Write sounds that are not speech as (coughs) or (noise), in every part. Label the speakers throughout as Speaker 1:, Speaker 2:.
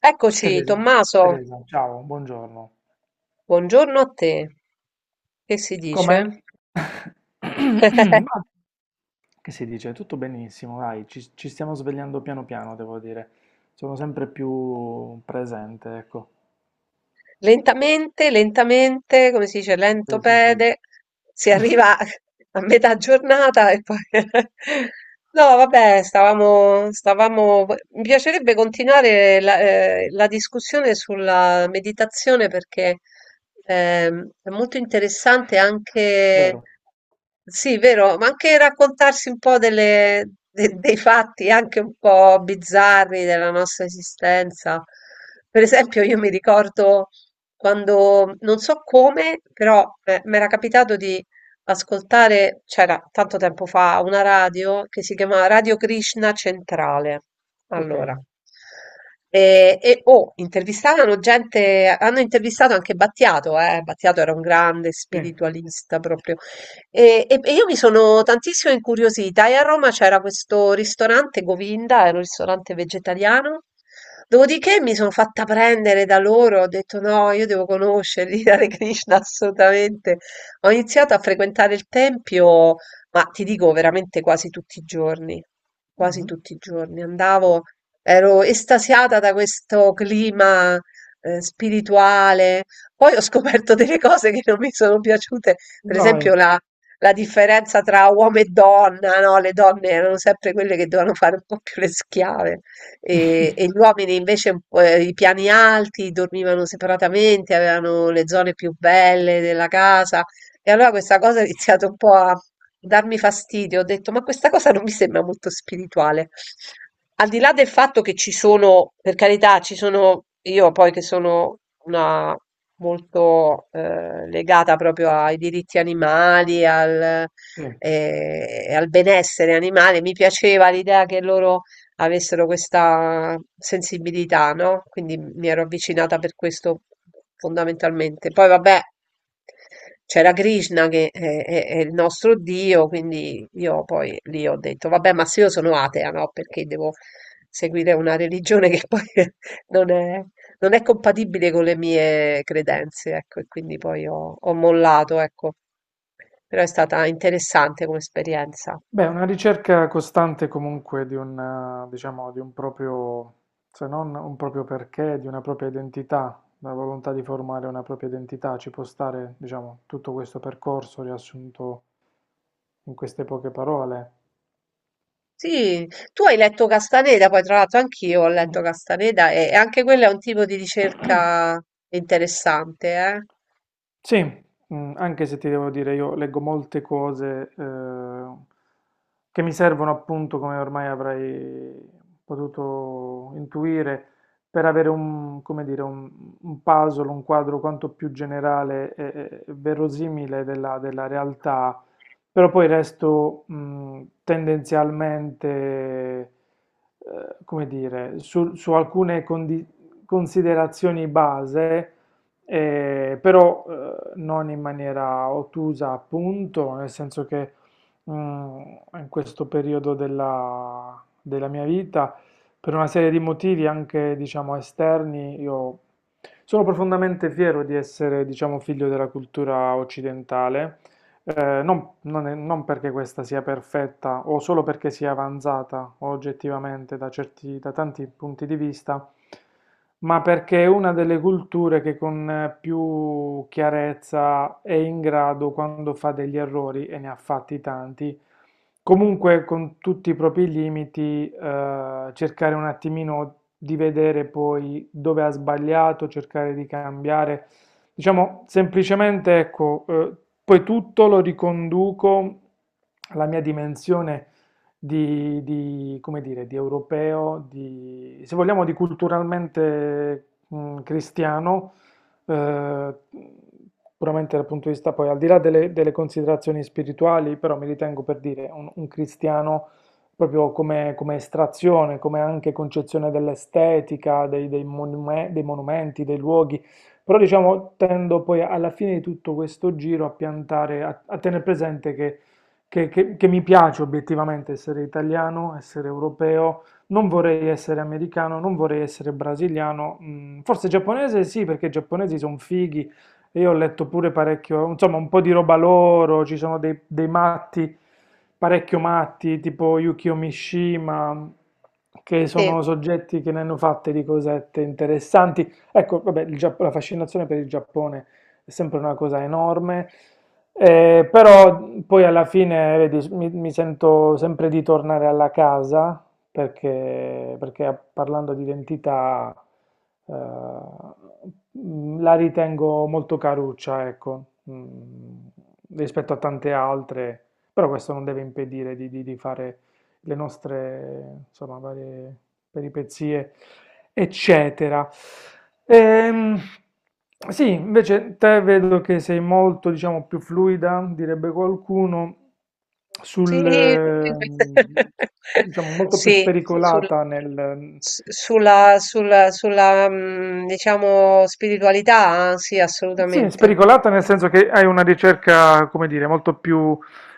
Speaker 1: Eccoci,
Speaker 2: Teresa,
Speaker 1: Tommaso,
Speaker 2: Teresa, ciao, buongiorno.
Speaker 1: buongiorno a te, che si
Speaker 2: Com'è?
Speaker 1: dice?
Speaker 2: (coughs) Ma
Speaker 1: (laughs)
Speaker 2: che si dice? Tutto benissimo, dai, ci stiamo svegliando piano piano, devo dire. Sono sempre più presente, ecco.
Speaker 1: Lentamente, lentamente, come si dice, lento
Speaker 2: Sì, sì, sì.
Speaker 1: pede, si arriva
Speaker 2: (laughs)
Speaker 1: a metà giornata e poi... (laughs) No, vabbè, stavamo... Mi piacerebbe continuare la discussione sulla meditazione perché è molto interessante anche...
Speaker 2: Vero.
Speaker 1: Sì, vero, ma anche raccontarsi un po' dei fatti anche un po' bizzarri della nostra esistenza. Per esempio, io mi ricordo quando non so come, però mi era capitato di ascoltare, c'era tanto tempo fa, una radio che si chiamava Radio Krishna Centrale.
Speaker 2: Ok.
Speaker 1: Allora, oh, intervistavano gente, hanno intervistato anche Battiato, eh. Battiato era un grande
Speaker 2: Sì.
Speaker 1: spiritualista proprio. E io mi sono tantissimo incuriosita e a Roma c'era questo ristorante Govinda, era un ristorante vegetariano. Dopodiché mi sono fatta prendere da loro, ho detto no, io devo conoscerli, (laughs) Hare Krishna assolutamente. Ho iniziato a frequentare il tempio, ma ti dico veramente quasi tutti i giorni, quasi
Speaker 2: Mhm.
Speaker 1: tutti i giorni. Andavo, ero estasiata da questo clima spirituale. Poi ho scoperto delle cose che non mi sono piaciute, per esempio
Speaker 2: Dai.
Speaker 1: la differenza tra uomo e donna, no? Le donne erano sempre quelle che dovevano fare un po' più le schiave e gli
Speaker 2: (laughs)
Speaker 1: uomini invece un po', i piani alti dormivano separatamente, avevano le zone più belle della casa e allora questa cosa ha iniziato un po' a darmi fastidio. Ho detto, ma questa cosa non mi sembra molto spirituale. Al di là del fatto che ci sono, per carità, ci sono io poi che sono una molto legata proprio ai diritti animali,
Speaker 2: Sì.
Speaker 1: al benessere animale, mi piaceva l'idea che loro avessero questa sensibilità, no? Quindi mi ero avvicinata per questo fondamentalmente. Poi vabbè, c'era Krishna che è il nostro Dio, quindi io poi lì ho detto, vabbè, ma se io sono atea, no? Perché devo seguire una religione che poi (laughs) non è, non è compatibile con le mie credenze, ecco, e quindi poi ho mollato, ecco. Però è stata interessante come esperienza.
Speaker 2: Beh, una ricerca costante comunque di un, diciamo, di un proprio, se non un proprio perché, di una propria identità, la volontà di formare una propria identità, ci può stare, diciamo, tutto questo percorso riassunto in queste poche parole.
Speaker 1: Sì, tu hai letto Castaneda, poi tra l'altro anch'io ho letto
Speaker 2: Mm.
Speaker 1: Castaneda e anche quello è un tipo di ricerca interessante, eh?
Speaker 2: Sì, anche se ti devo dire, io leggo molte cose che mi servono appunto, come ormai avrai potuto intuire, per avere un, come dire, un puzzle, un quadro quanto più generale e, e verosimile della, della realtà, però poi resto tendenzialmente, come dire, su, su alcune considerazioni base però non in maniera ottusa, appunto, nel senso che mm, in questo periodo della, della mia vita, per una serie di motivi anche, diciamo, esterni, io sono profondamente fiero di essere, diciamo, figlio della cultura occidentale. Non, non perché questa sia perfetta o solo perché sia avanzata oggettivamente da da tanti punti di vista, ma perché è una delle culture che con più chiarezza è in grado, quando fa degli errori, e ne ha fatti tanti, comunque con tutti i propri limiti, cercare un attimino di vedere poi dove ha sbagliato, cercare di cambiare. Diciamo, semplicemente, ecco, poi tutto lo riconduco alla mia dimensione di, come dire, di europeo, di, se vogliamo, di culturalmente cristiano, eh, puramente dal punto di vista, poi al di là delle, delle considerazioni spirituali, però mi ritengo per dire un cristiano proprio come, come estrazione, come anche concezione dell'estetica, dei, dei dei monumenti, dei luoghi, però diciamo tendo poi alla fine di tutto questo giro a piantare, a, a tenere presente che, che mi piace obiettivamente essere italiano, essere europeo, non vorrei essere americano, non vorrei essere brasiliano, mm, forse giapponese sì, perché i giapponesi sono fighi, e io ho letto pure parecchio, insomma un po' di roba loro, ci sono dei, dei matti, parecchio matti, tipo Yukio Mishima, che
Speaker 1: Sì.
Speaker 2: sono soggetti che ne hanno fatte di cosette interessanti. Ecco, vabbè, il la fascinazione per il Giappone è sempre una cosa enorme, però poi alla fine, vedi, mi sento sempre di tornare alla casa perché, perché parlando di identità, eh, la ritengo molto caruccia, ecco, rispetto a tante altre, però questo non deve impedire di, di fare le nostre, insomma, varie peripezie, eccetera. Ehm, sì, invece te vedo che sei molto, diciamo, più fluida, direbbe qualcuno,
Speaker 1: Sì,
Speaker 2: sul,
Speaker 1: (laughs)
Speaker 2: diciamo, molto più
Speaker 1: sì, sul-
Speaker 2: spericolata nel,
Speaker 1: sulla, diciamo, spiritualità, sì,
Speaker 2: sì, è
Speaker 1: assolutamente.
Speaker 2: spericolata nel senso che hai una ricerca, come dire, molto più,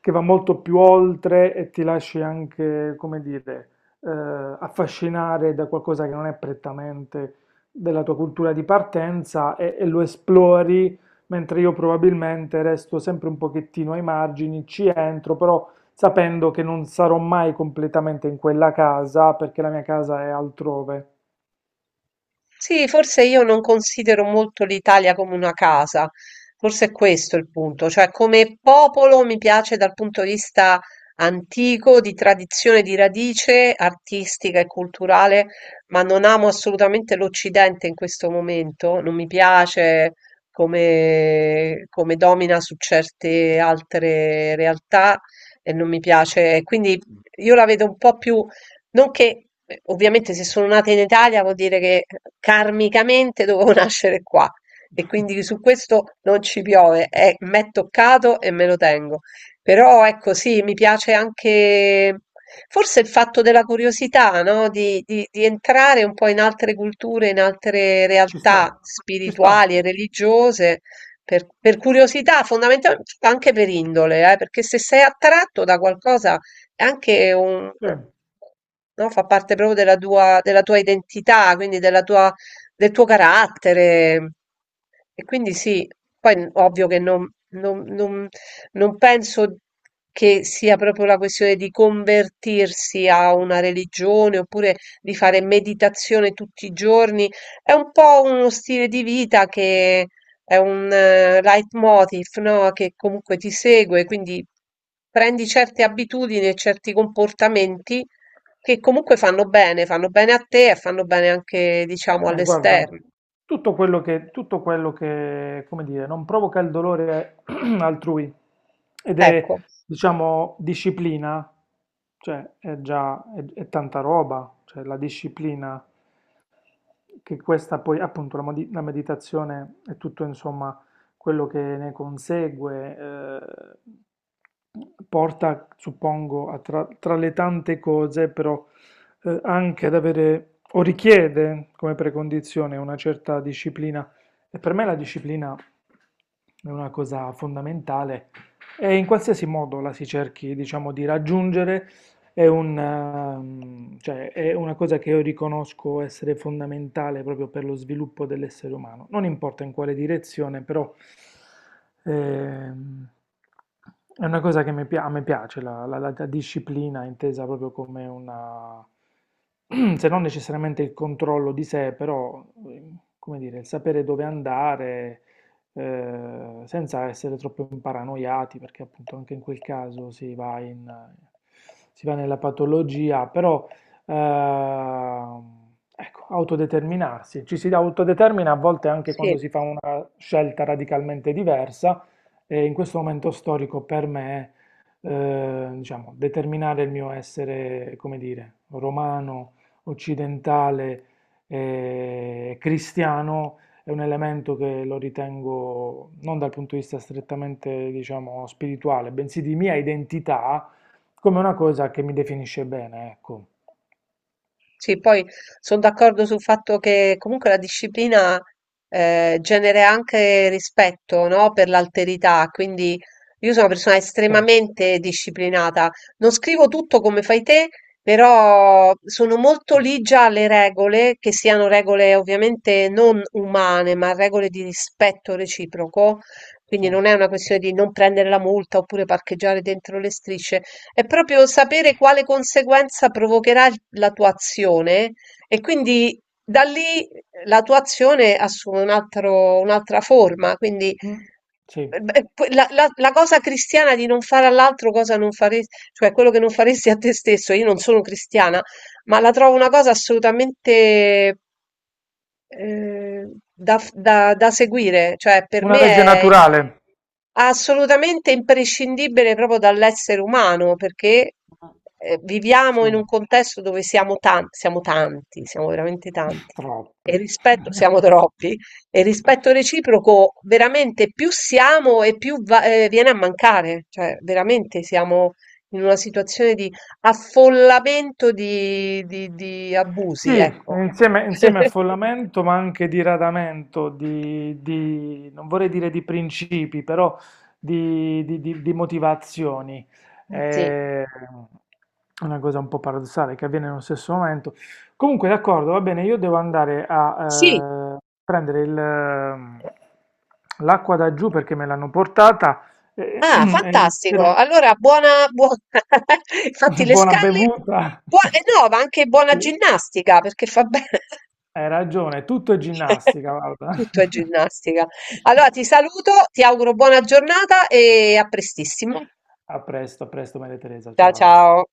Speaker 2: che va molto più oltre e ti lasci anche, come dire, eh, affascinare da qualcosa che non è prettamente della tua cultura di partenza e lo esplori, mentre io probabilmente resto sempre un pochettino ai margini, ci entro, però sapendo che non sarò mai completamente in quella casa perché la mia casa è altrove.
Speaker 1: Sì, forse io non considero molto l'Italia come una casa, forse è questo il punto, cioè come popolo mi piace dal punto di vista antico, di tradizione, di radice artistica e culturale, ma non amo assolutamente l'Occidente in questo momento, non mi piace come, come domina su certe altre realtà e non mi piace, quindi io la vedo un po' più. Nonché, beh, ovviamente se sono nata in Italia vuol dire che karmicamente dovevo (laughs) nascere qua e quindi su questo non ci piove, è, m'è toccato e me lo tengo. Però ecco sì, mi piace anche forse il fatto della curiosità, no? Di entrare un po' in altre culture, in altre
Speaker 2: Ci
Speaker 1: realtà
Speaker 2: sta, ci sta,
Speaker 1: spirituali e religiose. Per curiosità, fondamentalmente anche per indole, perché se sei attratto da qualcosa è anche un
Speaker 2: sì.
Speaker 1: no, fa parte proprio della tua identità, quindi del tuo carattere. E quindi sì, poi ovvio che non penso che sia proprio la questione di convertirsi a una religione oppure di fare meditazione tutti i giorni. È un po' uno stile di vita che è un leitmotiv, no, che comunque ti segue, quindi prendi certe abitudini e certi comportamenti che comunque fanno bene a te e fanno bene anche, diciamo,
Speaker 2: Guarda,
Speaker 1: all'esterno.
Speaker 2: tutto quello che, come dire, non provoca il dolore (clears throat) altrui ed è,
Speaker 1: Ecco,
Speaker 2: diciamo, disciplina, cioè è già è tanta roba, cioè la disciplina che questa poi, appunto, la, la meditazione è tutto, insomma, quello che ne consegue, porta, suppongo, a tra le tante cose, però, anche ad avere, o richiede come precondizione una certa disciplina. E per me la disciplina è una cosa fondamentale e in qualsiasi modo la si cerchi, diciamo, di raggiungere è una, mm, cioè, è una cosa che io riconosco essere fondamentale proprio per lo sviluppo dell'essere umano. Non importa in quale direzione, però ehm, è una cosa che mi a me piace, la, la disciplina intesa proprio come una, (clears throat) se non necessariamente il controllo di sé, però, come dire, il sapere dove andare senza essere troppo paranoiati, perché appunto anche in quel caso si va in, si va nella patologia, però ecco, autodeterminarsi, ci si autodetermina a volte anche quando
Speaker 1: sì.
Speaker 2: si fa una scelta radicalmente diversa e in questo momento storico per me, diciamo, determinare il mio essere, come dire, romano, occidentale, cristiano è un elemento che lo ritengo non dal punto di vista strettamente, diciamo, spirituale, bensì di mia identità, come una cosa che mi definisce bene, ecco.
Speaker 1: Sì, poi sono d'accordo sul fatto che comunque la disciplina genera anche rispetto, no, per l'alterità, quindi io sono una persona
Speaker 2: Sì,
Speaker 1: estremamente disciplinata. Non scrivo tutto come fai te, però sono molto ligia alle regole, che siano regole ovviamente non umane, ma regole di rispetto reciproco.
Speaker 2: sì.
Speaker 1: Quindi non è una questione di non prendere la multa oppure parcheggiare dentro le strisce. È proprio sapere quale conseguenza provocherà il la tua azione e quindi da lì la tua azione assume un altro un'altra forma, quindi
Speaker 2: Mm,
Speaker 1: eh
Speaker 2: sì.
Speaker 1: beh, que la cosa cristiana di non fare all'altro cosa non fare cioè quello che non faresti a te stesso, io non sono cristiana, ma la trovo una cosa assolutamente, da f da seguire, cioè per
Speaker 2: Una
Speaker 1: me
Speaker 2: legge
Speaker 1: è
Speaker 2: naturale.
Speaker 1: assolutamente imprescindibile proprio dall'essere umano, perché, viviamo in un
Speaker 2: Sì,
Speaker 1: contesto dove siamo tanti, siamo veramente
Speaker 2: (laughs)
Speaker 1: tanti, e
Speaker 2: troppi.
Speaker 1: il rispetto siamo (laughs) troppi, e il rispetto reciproco veramente più siamo e più va viene a mancare, cioè veramente siamo in una situazione di affollamento di di
Speaker 2: Sì,
Speaker 1: abusi, ecco.
Speaker 2: insieme, insieme a
Speaker 1: (laughs)
Speaker 2: follamento, ma anche di radamento, di, non vorrei dire di principi, però di, di motivazioni.
Speaker 1: Sì.
Speaker 2: È una cosa un po' paradossale che avviene nello stesso momento. Comunque, d'accordo, va bene, io devo andare
Speaker 1: Sì.
Speaker 2: a prendere il, l'acqua da giù perché me l'hanno portata e, (clears throat)
Speaker 1: Ah,
Speaker 2: e
Speaker 1: fantastico.
Speaker 2: spero
Speaker 1: Allora, buona... (laughs) Infatti
Speaker 2: (laughs)
Speaker 1: le
Speaker 2: buona
Speaker 1: scale,
Speaker 2: bevuta.
Speaker 1: buona... eh no,
Speaker 2: (laughs)
Speaker 1: ma anche buona
Speaker 2: Sì.
Speaker 1: ginnastica, perché fa bene.
Speaker 2: Hai ragione, tutto è ginnastica,
Speaker 1: (laughs)
Speaker 2: guarda.
Speaker 1: Tutto è
Speaker 2: (laughs)
Speaker 1: ginnastica. Allora, ti saluto, ti auguro buona giornata e a prestissimo.
Speaker 2: A presto Maria Teresa,
Speaker 1: Ciao,
Speaker 2: ciao.
Speaker 1: ciao.